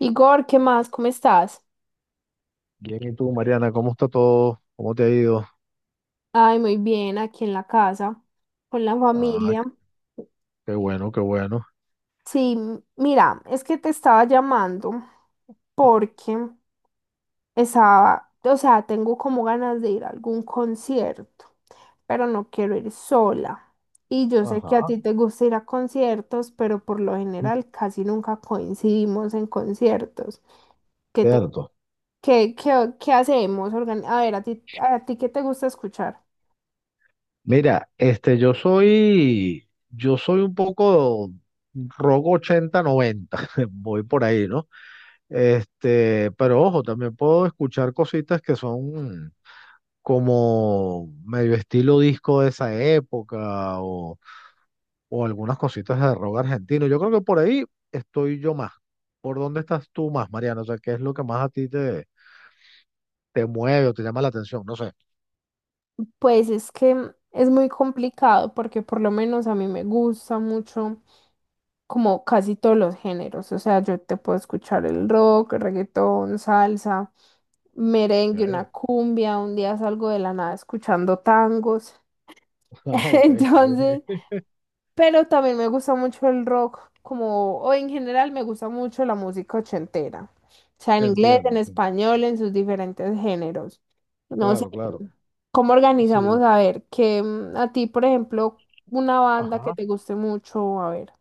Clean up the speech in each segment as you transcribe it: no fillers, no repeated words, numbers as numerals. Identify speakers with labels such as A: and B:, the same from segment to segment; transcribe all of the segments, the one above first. A: Igor, ¿qué más? ¿Cómo estás?
B: Bien, ¿y tú, Mariana? ¿Cómo está todo? ¿Cómo te ha ido?
A: Ay, muy bien, aquí en la casa, con la
B: Ah,
A: familia.
B: qué bueno, qué bueno.
A: Sí, mira, es que te estaba llamando porque tengo como ganas de ir a algún concierto, pero no quiero ir sola. Y yo sé que a ti
B: Ajá,
A: te gusta ir a conciertos, pero por lo general casi nunca coincidimos en conciertos. ¿Qué te,
B: cierto.
A: qué, qué, qué hacemos? A ver, a ti, ¿qué te gusta escuchar?
B: Mira, este, yo soy un poco rock ochenta noventa, voy por ahí, ¿no? Este, pero ojo, también puedo escuchar cositas que son como medio estilo disco de esa época o algunas cositas de rock argentino. Yo creo que por ahí estoy yo más. ¿Por dónde estás tú más, Mariano? O sea, ¿qué es lo que más a ti te, te mueve o te llama la atención? No sé.
A: Pues es que es muy complicado porque por lo menos a mí me gusta mucho como casi todos los géneros. O sea, yo te puedo escuchar el rock, reggaetón, salsa, merengue,
B: Ok,
A: una cumbia. Un día salgo de la nada escuchando tangos.
B: ah, ok,
A: Entonces, pero también me gusta mucho el rock, como, o en general me gusta mucho la música ochentera. O sea, en inglés, en
B: entiendo.
A: español, en sus diferentes géneros. No sé.
B: Claro, claro.
A: ¿Cómo organizamos?
B: Sí,
A: A ver, que a ti, por ejemplo, una banda que
B: ajá.
A: te guste mucho, a ver.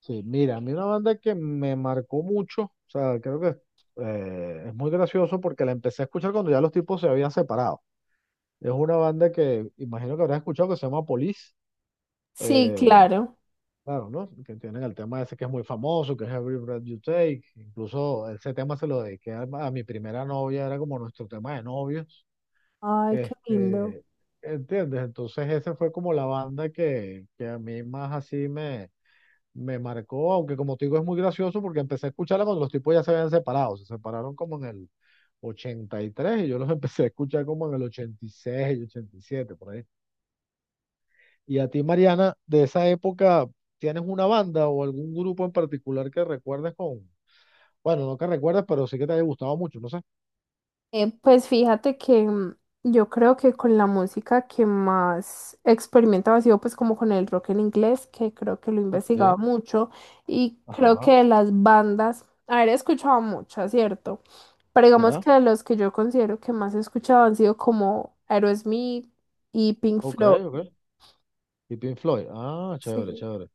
B: Sí, mira, a mí una banda que me marcó mucho, o sea, creo que es muy gracioso porque la empecé a escuchar cuando ya los tipos se habían separado. Es una banda que imagino que habrás escuchado que se llama Police.
A: Sí,
B: eh,
A: claro.
B: Claro, ¿no? Que tienen el tema ese que es muy famoso, que es Every Breath You Take. Incluso ese tema se lo dediqué a mi primera novia, era como nuestro tema de novios.
A: Ay, qué lindo.
B: Este, ¿entiendes? Entonces esa fue como la banda que a mí más así me marcó, aunque como te digo es muy gracioso porque empecé a escucharla cuando los tipos ya se habían separado, se separaron como en el 83 y yo los empecé a escuchar como en el 86, 87, por ahí. Y a ti, Mariana, de esa época, ¿tienes una banda o algún grupo en particular que recuerdes con, bueno, no que recuerdes, pero sí que te haya gustado mucho, no sé?
A: Pues fíjate que yo creo que con la música que más experimentaba ha sido pues como con el rock en inglés, que creo que lo
B: Ok,
A: investigaba mucho y creo que
B: ajá,
A: de las bandas, a ver, he escuchado muchas, ¿cierto? Pero digamos
B: ya,
A: que de los que yo considero que más he escuchado han sido como Aerosmith y Pink
B: ok,
A: Floyd.
B: ok. Y Pink Floyd, ah, chévere,
A: Sí.
B: chévere.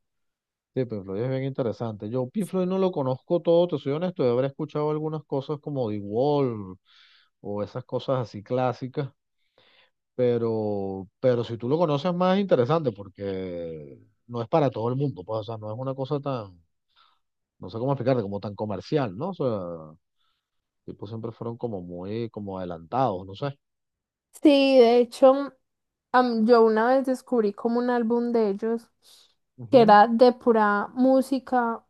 B: Sí, Pink Floyd es bien interesante. Yo Pink Floyd no lo conozco todo, te soy honesto, yo habré escuchado algunas cosas como The Wall o esas cosas así clásicas, pero si tú lo conoces más es interesante porque no es para todo el mundo, pues, o sea, no es una cosa tan, no sé cómo explicarte, como tan comercial, ¿no? O sea, tipo siempre fueron como muy, como adelantados, no sé.
A: Sí, de hecho, yo una vez descubrí como un álbum de ellos que
B: Ujú,
A: era de pura música,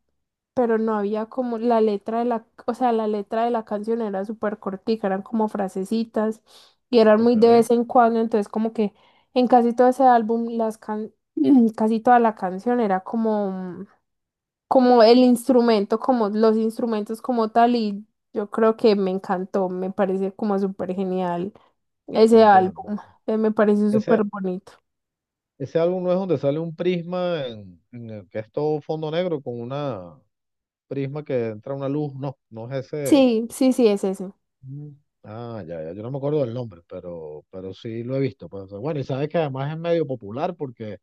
A: pero no había como la letra de la, o sea, la letra de la canción era súper cortica, eran como frasecitas y eran
B: ok,
A: muy de vez en cuando, entonces como que en casi todo ese álbum, casi toda la canción era como, como el instrumento, como los instrumentos como tal y yo creo que me encantó, me parece como súper genial
B: te
A: ese
B: entiendo.
A: álbum. Me parece
B: Ese,
A: súper bonito.
B: ese álbum no es donde sale un prisma en, el que es todo fondo negro con una prisma que entra una luz. No, no es ese.
A: Sí, sí, sí, es ese.
B: Mm. Ah, ya, ya. Yo no me acuerdo del nombre, pero sí lo he visto. Pues, bueno, y sabes que además es medio popular porque,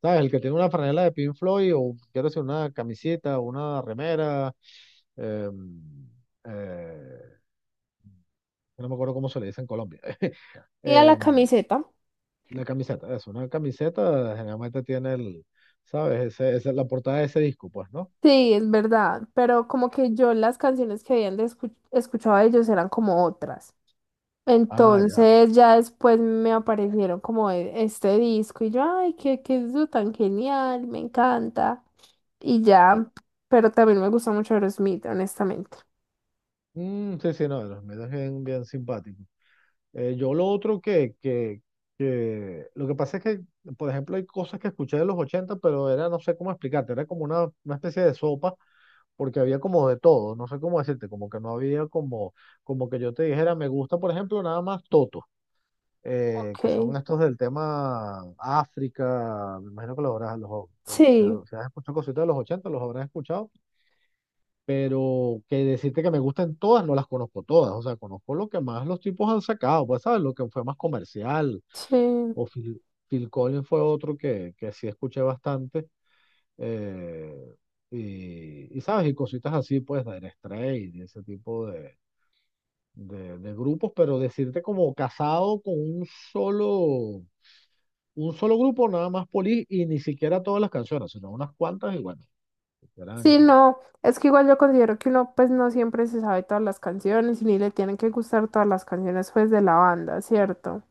B: ¿sabes? El que tiene una franela de Pink Floyd, o quiero decir una camiseta, una remera, em, eh, no me acuerdo cómo se le dice en Colombia.
A: Y a
B: Eh,
A: la camiseta.
B: la camiseta, es una camiseta generalmente tiene el, ¿sabes? Esa es la portada de ese disco, pues, ¿no?
A: Sí, es verdad, pero como que yo las canciones que habían de escuchado de ellos eran como otras.
B: Ah, ya.
A: Entonces ya después me aparecieron como este disco y yo, ay, qué, qué disco tan genial, me encanta. Y ya, pero también me gusta mucho Aerosmith, honestamente.
B: Mm, sí, sí, no, los medios bien, bien simpático. Yo lo otro que, lo que pasa es que, por ejemplo, hay cosas que escuché de los 80 pero era, no sé cómo explicarte, era como una especie de sopa, porque había como de todo, no sé cómo decirte, como que no había como, como que yo te dijera, me gusta, por ejemplo, nada más Toto.
A: Ok.
B: Que son estos del tema África, me imagino que los habrás, los, o sea,
A: Sí,
B: si has escuchado cositas de los 80 los habrás escuchado, pero que decirte que me gustan todas, no las conozco todas, o sea, conozco lo que más los tipos han sacado, pues sabes, lo que fue más comercial,
A: sí.
B: o Phil Collins fue otro que sí escuché bastante, eh, y sabes, y cositas así, pues, de Straits, y ese tipo de... de grupos, pero decirte como casado con un solo grupo, nada más Polis, y ni siquiera todas las canciones, sino unas cuantas, y bueno, eran-
A: Sí, no, es que igual yo considero que uno pues no siempre se sabe todas las canciones y ni le tienen que gustar todas las canciones pues de la banda, ¿cierto?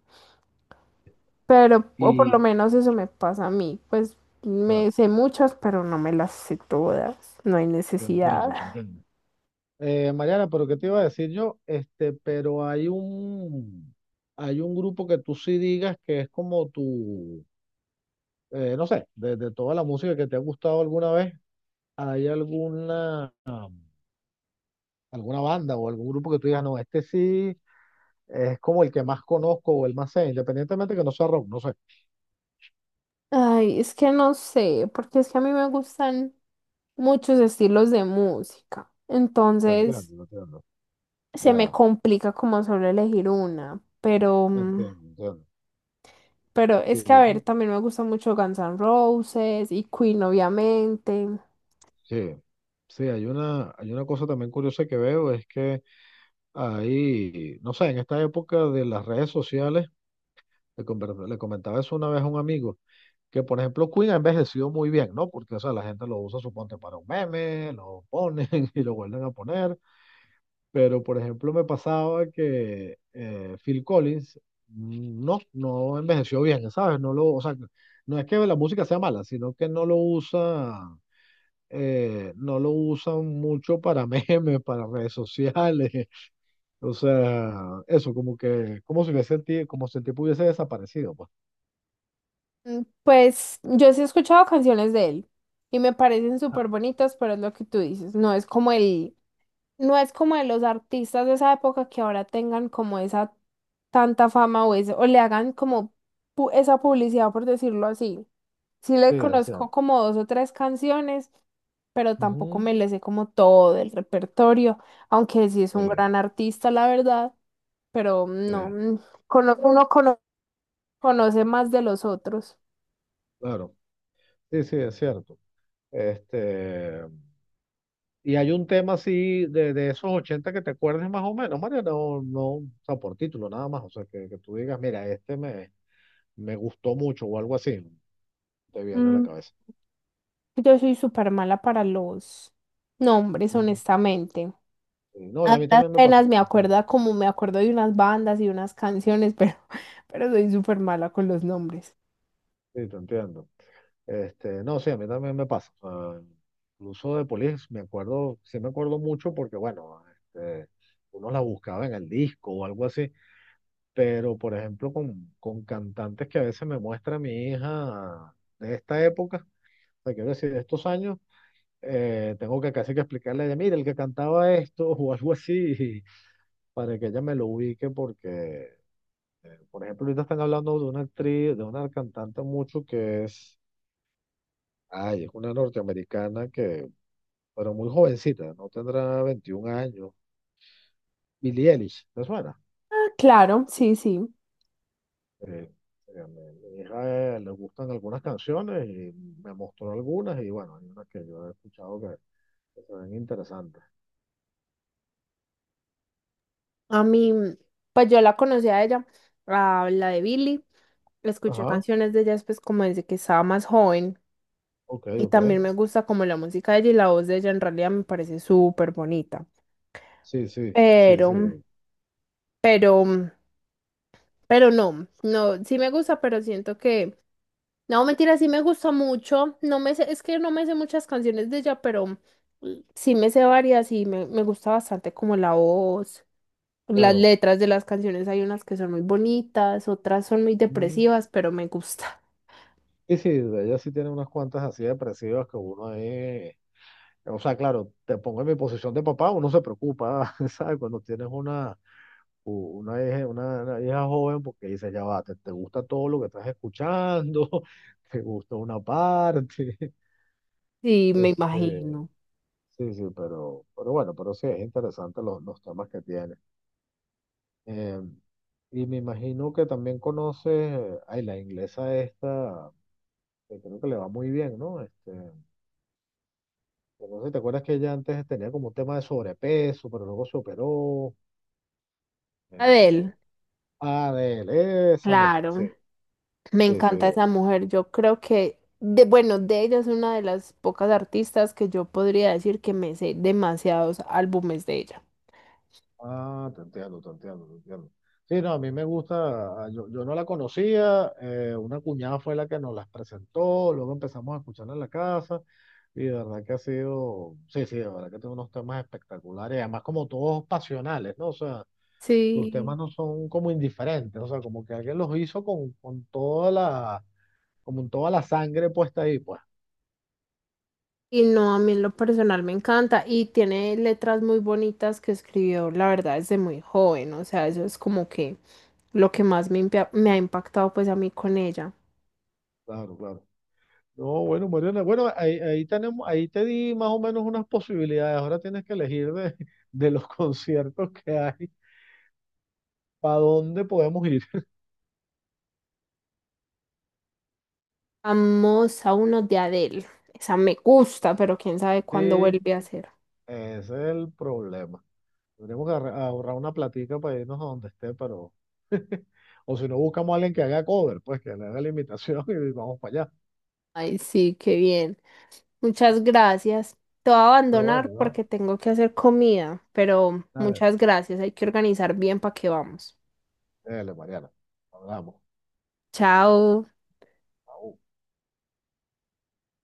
A: Pero, o por lo
B: y
A: menos eso me pasa a mí, pues
B: ah,
A: me sé muchas, pero no me las sé todas, no hay
B: te entiendo, te
A: necesidad.
B: entiendo. Mariana, pero ¿qué te iba a decir yo? Este, pero hay un grupo que tú sí digas que es como tu, no sé, de toda la música que te ha gustado alguna vez, ¿hay alguna banda o algún grupo que tú digas, no, este sí es como el que más conozco o el más sé, independientemente que no sea rock, no sé,
A: Ay, es que no sé, porque es que a mí me gustan muchos estilos de música, entonces
B: te entiendo,
A: se me
B: ya.
A: complica como solo elegir una, pero...
B: Entiendo, entiendo.
A: Pero es que, a
B: Sí,
A: ver, también me gusta mucho Guns N' Roses y Queen, obviamente.
B: sí, sí, hay una, cosa también curiosa que veo, es que hay, no sé, en esta época de las redes sociales, le comentaba eso una vez a un amigo, que por ejemplo Queen ha envejecido muy bien, ¿no? Porque, o sea, la gente lo usa, suponte, para un meme, lo ponen y lo vuelven a poner, pero por ejemplo me pasaba que Phil Collins no, no envejeció bien, ¿sabes? No lo, o sea, no es que la música sea mala, sino que no lo usan mucho para memes, para redes sociales, o sea, eso, como que, como si hubiese el ti-, como si el tipo hubiese desaparecido, pues.
A: Pues yo sí he escuchado canciones de él y me parecen
B: Ah,
A: súper bonitas, pero es lo que tú dices, no es como el, no es como de los artistas de esa época que ahora tengan como esa tanta fama o, o le hagan como esa publicidad, por decirlo así. Sí le
B: sí, o sea,
A: conozco como dos o tres canciones, pero tampoco
B: ujú,
A: me le sé como todo el repertorio, aunque sí es un
B: sí,
A: gran artista, la verdad. Pero no,
B: sí,
A: cono- uno cono- conoce más de los otros.
B: claro, sí, sí, es cierto. Este, y hay un tema así de, esos 80 que te acuerdes más o menos, María, no, no, o sea, por título nada más, o sea, que tú digas, mira, este me gustó mucho o algo así, te viene a la
A: Mm,
B: cabeza.
A: yo soy súper mala para los nombres,
B: Mm,
A: honestamente.
B: sí. No, y a mí también me pasa.
A: Apenas me
B: Sí,
A: acuerda como me acuerdo de unas bandas y unas canciones, pero, pero soy súper mala con los nombres.
B: sí, te entiendo. Este, no, sí, a mí también me pasa. O sea, incluso de Police me acuerdo, sí me acuerdo mucho porque, bueno, este, uno la buscaba en el disco o algo así, pero por ejemplo con cantantes que a veces me muestra mi hija de esta época, o sea, quiero decir, de estos años, tengo que casi que explicarle de, mira, el que cantaba esto o algo así, para que ella me lo ubique porque, por ejemplo, ahorita están hablando de una actriz, de una cantante mucho que es... Ay, es una norteamericana que, pero muy jovencita, no tendrá 21 años. Billie Eilish, ¿te suena?
A: Ah, claro, sí, sí.
B: Eh, a mi hija le gustan algunas canciones y me mostró algunas y bueno, hay unas que yo he escuchado que se ven interesantes.
A: A mí, pues yo la conocí a ella, a la de Billie. Escuché
B: Ajá,
A: canciones de ella después como desde que estaba más joven.
B: ok,
A: Y
B: ok.
A: también me gusta como la música de ella y la voz de ella en realidad me parece súper bonita.
B: Sí, sí, sí,
A: Pero,
B: sí,
A: pero, pero no, no, sí me gusta, pero siento que, no, mentira, sí me gusta mucho, no me sé, es que no me sé muchas canciones de ella, pero sí me sé varias y me gusta bastante como la voz, las
B: claro.
A: letras de las canciones, hay unas que son muy bonitas, otras son muy
B: Mm,
A: depresivas, pero me gusta,
B: Y sí, ella sí tiene unas cuantas así depresivas que uno ahí. O sea, claro, te pongo en mi posición de papá, uno se preocupa, ¿sabes? Cuando tienes una una vieja, una vieja joven porque dice, ya va, te, gusta todo lo que estás escuchando, te gusta una parte.
A: sí, me
B: Este,
A: imagino.
B: sí, sí, pero bueno, pero sí, es interesante los temas que tiene. Eh, y me imagino que también conoces, ay, la inglesa esta, que creo que le va muy bien, ¿no? Este, que no sé si te acuerdas que ella antes tenía como un tema de sobrepeso, pero luego se operó. Eh,
A: Adele,
B: Adele, esa misma, sí,
A: claro, me
B: sí, sí.
A: encanta esa mujer. Yo creo que, de, bueno, de ella es una de las pocas artistas que yo podría decir que me sé demasiados álbumes de ella.
B: Ah, te entiendo, te entiendo, te entiendo. Sí, no, a mí me gusta, ah, yo no la conocía, una cuñada fue la que nos las presentó, luego empezamos a escucharla en la casa y de verdad que ha sido, sí, sí, de verdad que tiene unos temas espectaculares, además como todos pasionales, ¿no? O sea, tus temas
A: Sí.
B: no son como indiferentes, o sea, como que alguien los hizo con, toda la, como en toda la sangre puesta ahí, pues.
A: Y no, a mí en lo personal me encanta y tiene letras muy bonitas que escribió, la verdad, desde muy joven. O sea, eso es como que lo que más me ha impactado pues a mí con ella.
B: Claro, claro. No, bueno, Mariana, bueno, ahí tenemos, ahí te di más o menos unas posibilidades. Ahora tienes que elegir de los conciertos que hay, para dónde podemos ir.
A: Vamos a uno de Adele. Esa me gusta, pero quién sabe
B: Sí,
A: cuándo
B: ese
A: vuelve a ser.
B: es el problema. Tendremos que ahorrar una platica para irnos a donde esté, pero, o si no, buscamos a alguien que haga cover, pues que le haga la imitación y vamos para allá.
A: Ay, sí, qué bien. Muchas gracias. Te voy a
B: No, bueno,
A: abandonar
B: no.
A: porque tengo que hacer comida, pero
B: Dale,
A: muchas gracias. Hay que organizar bien para que vamos.
B: dale, Mariana. Hablamos.
A: Chao.
B: Chao.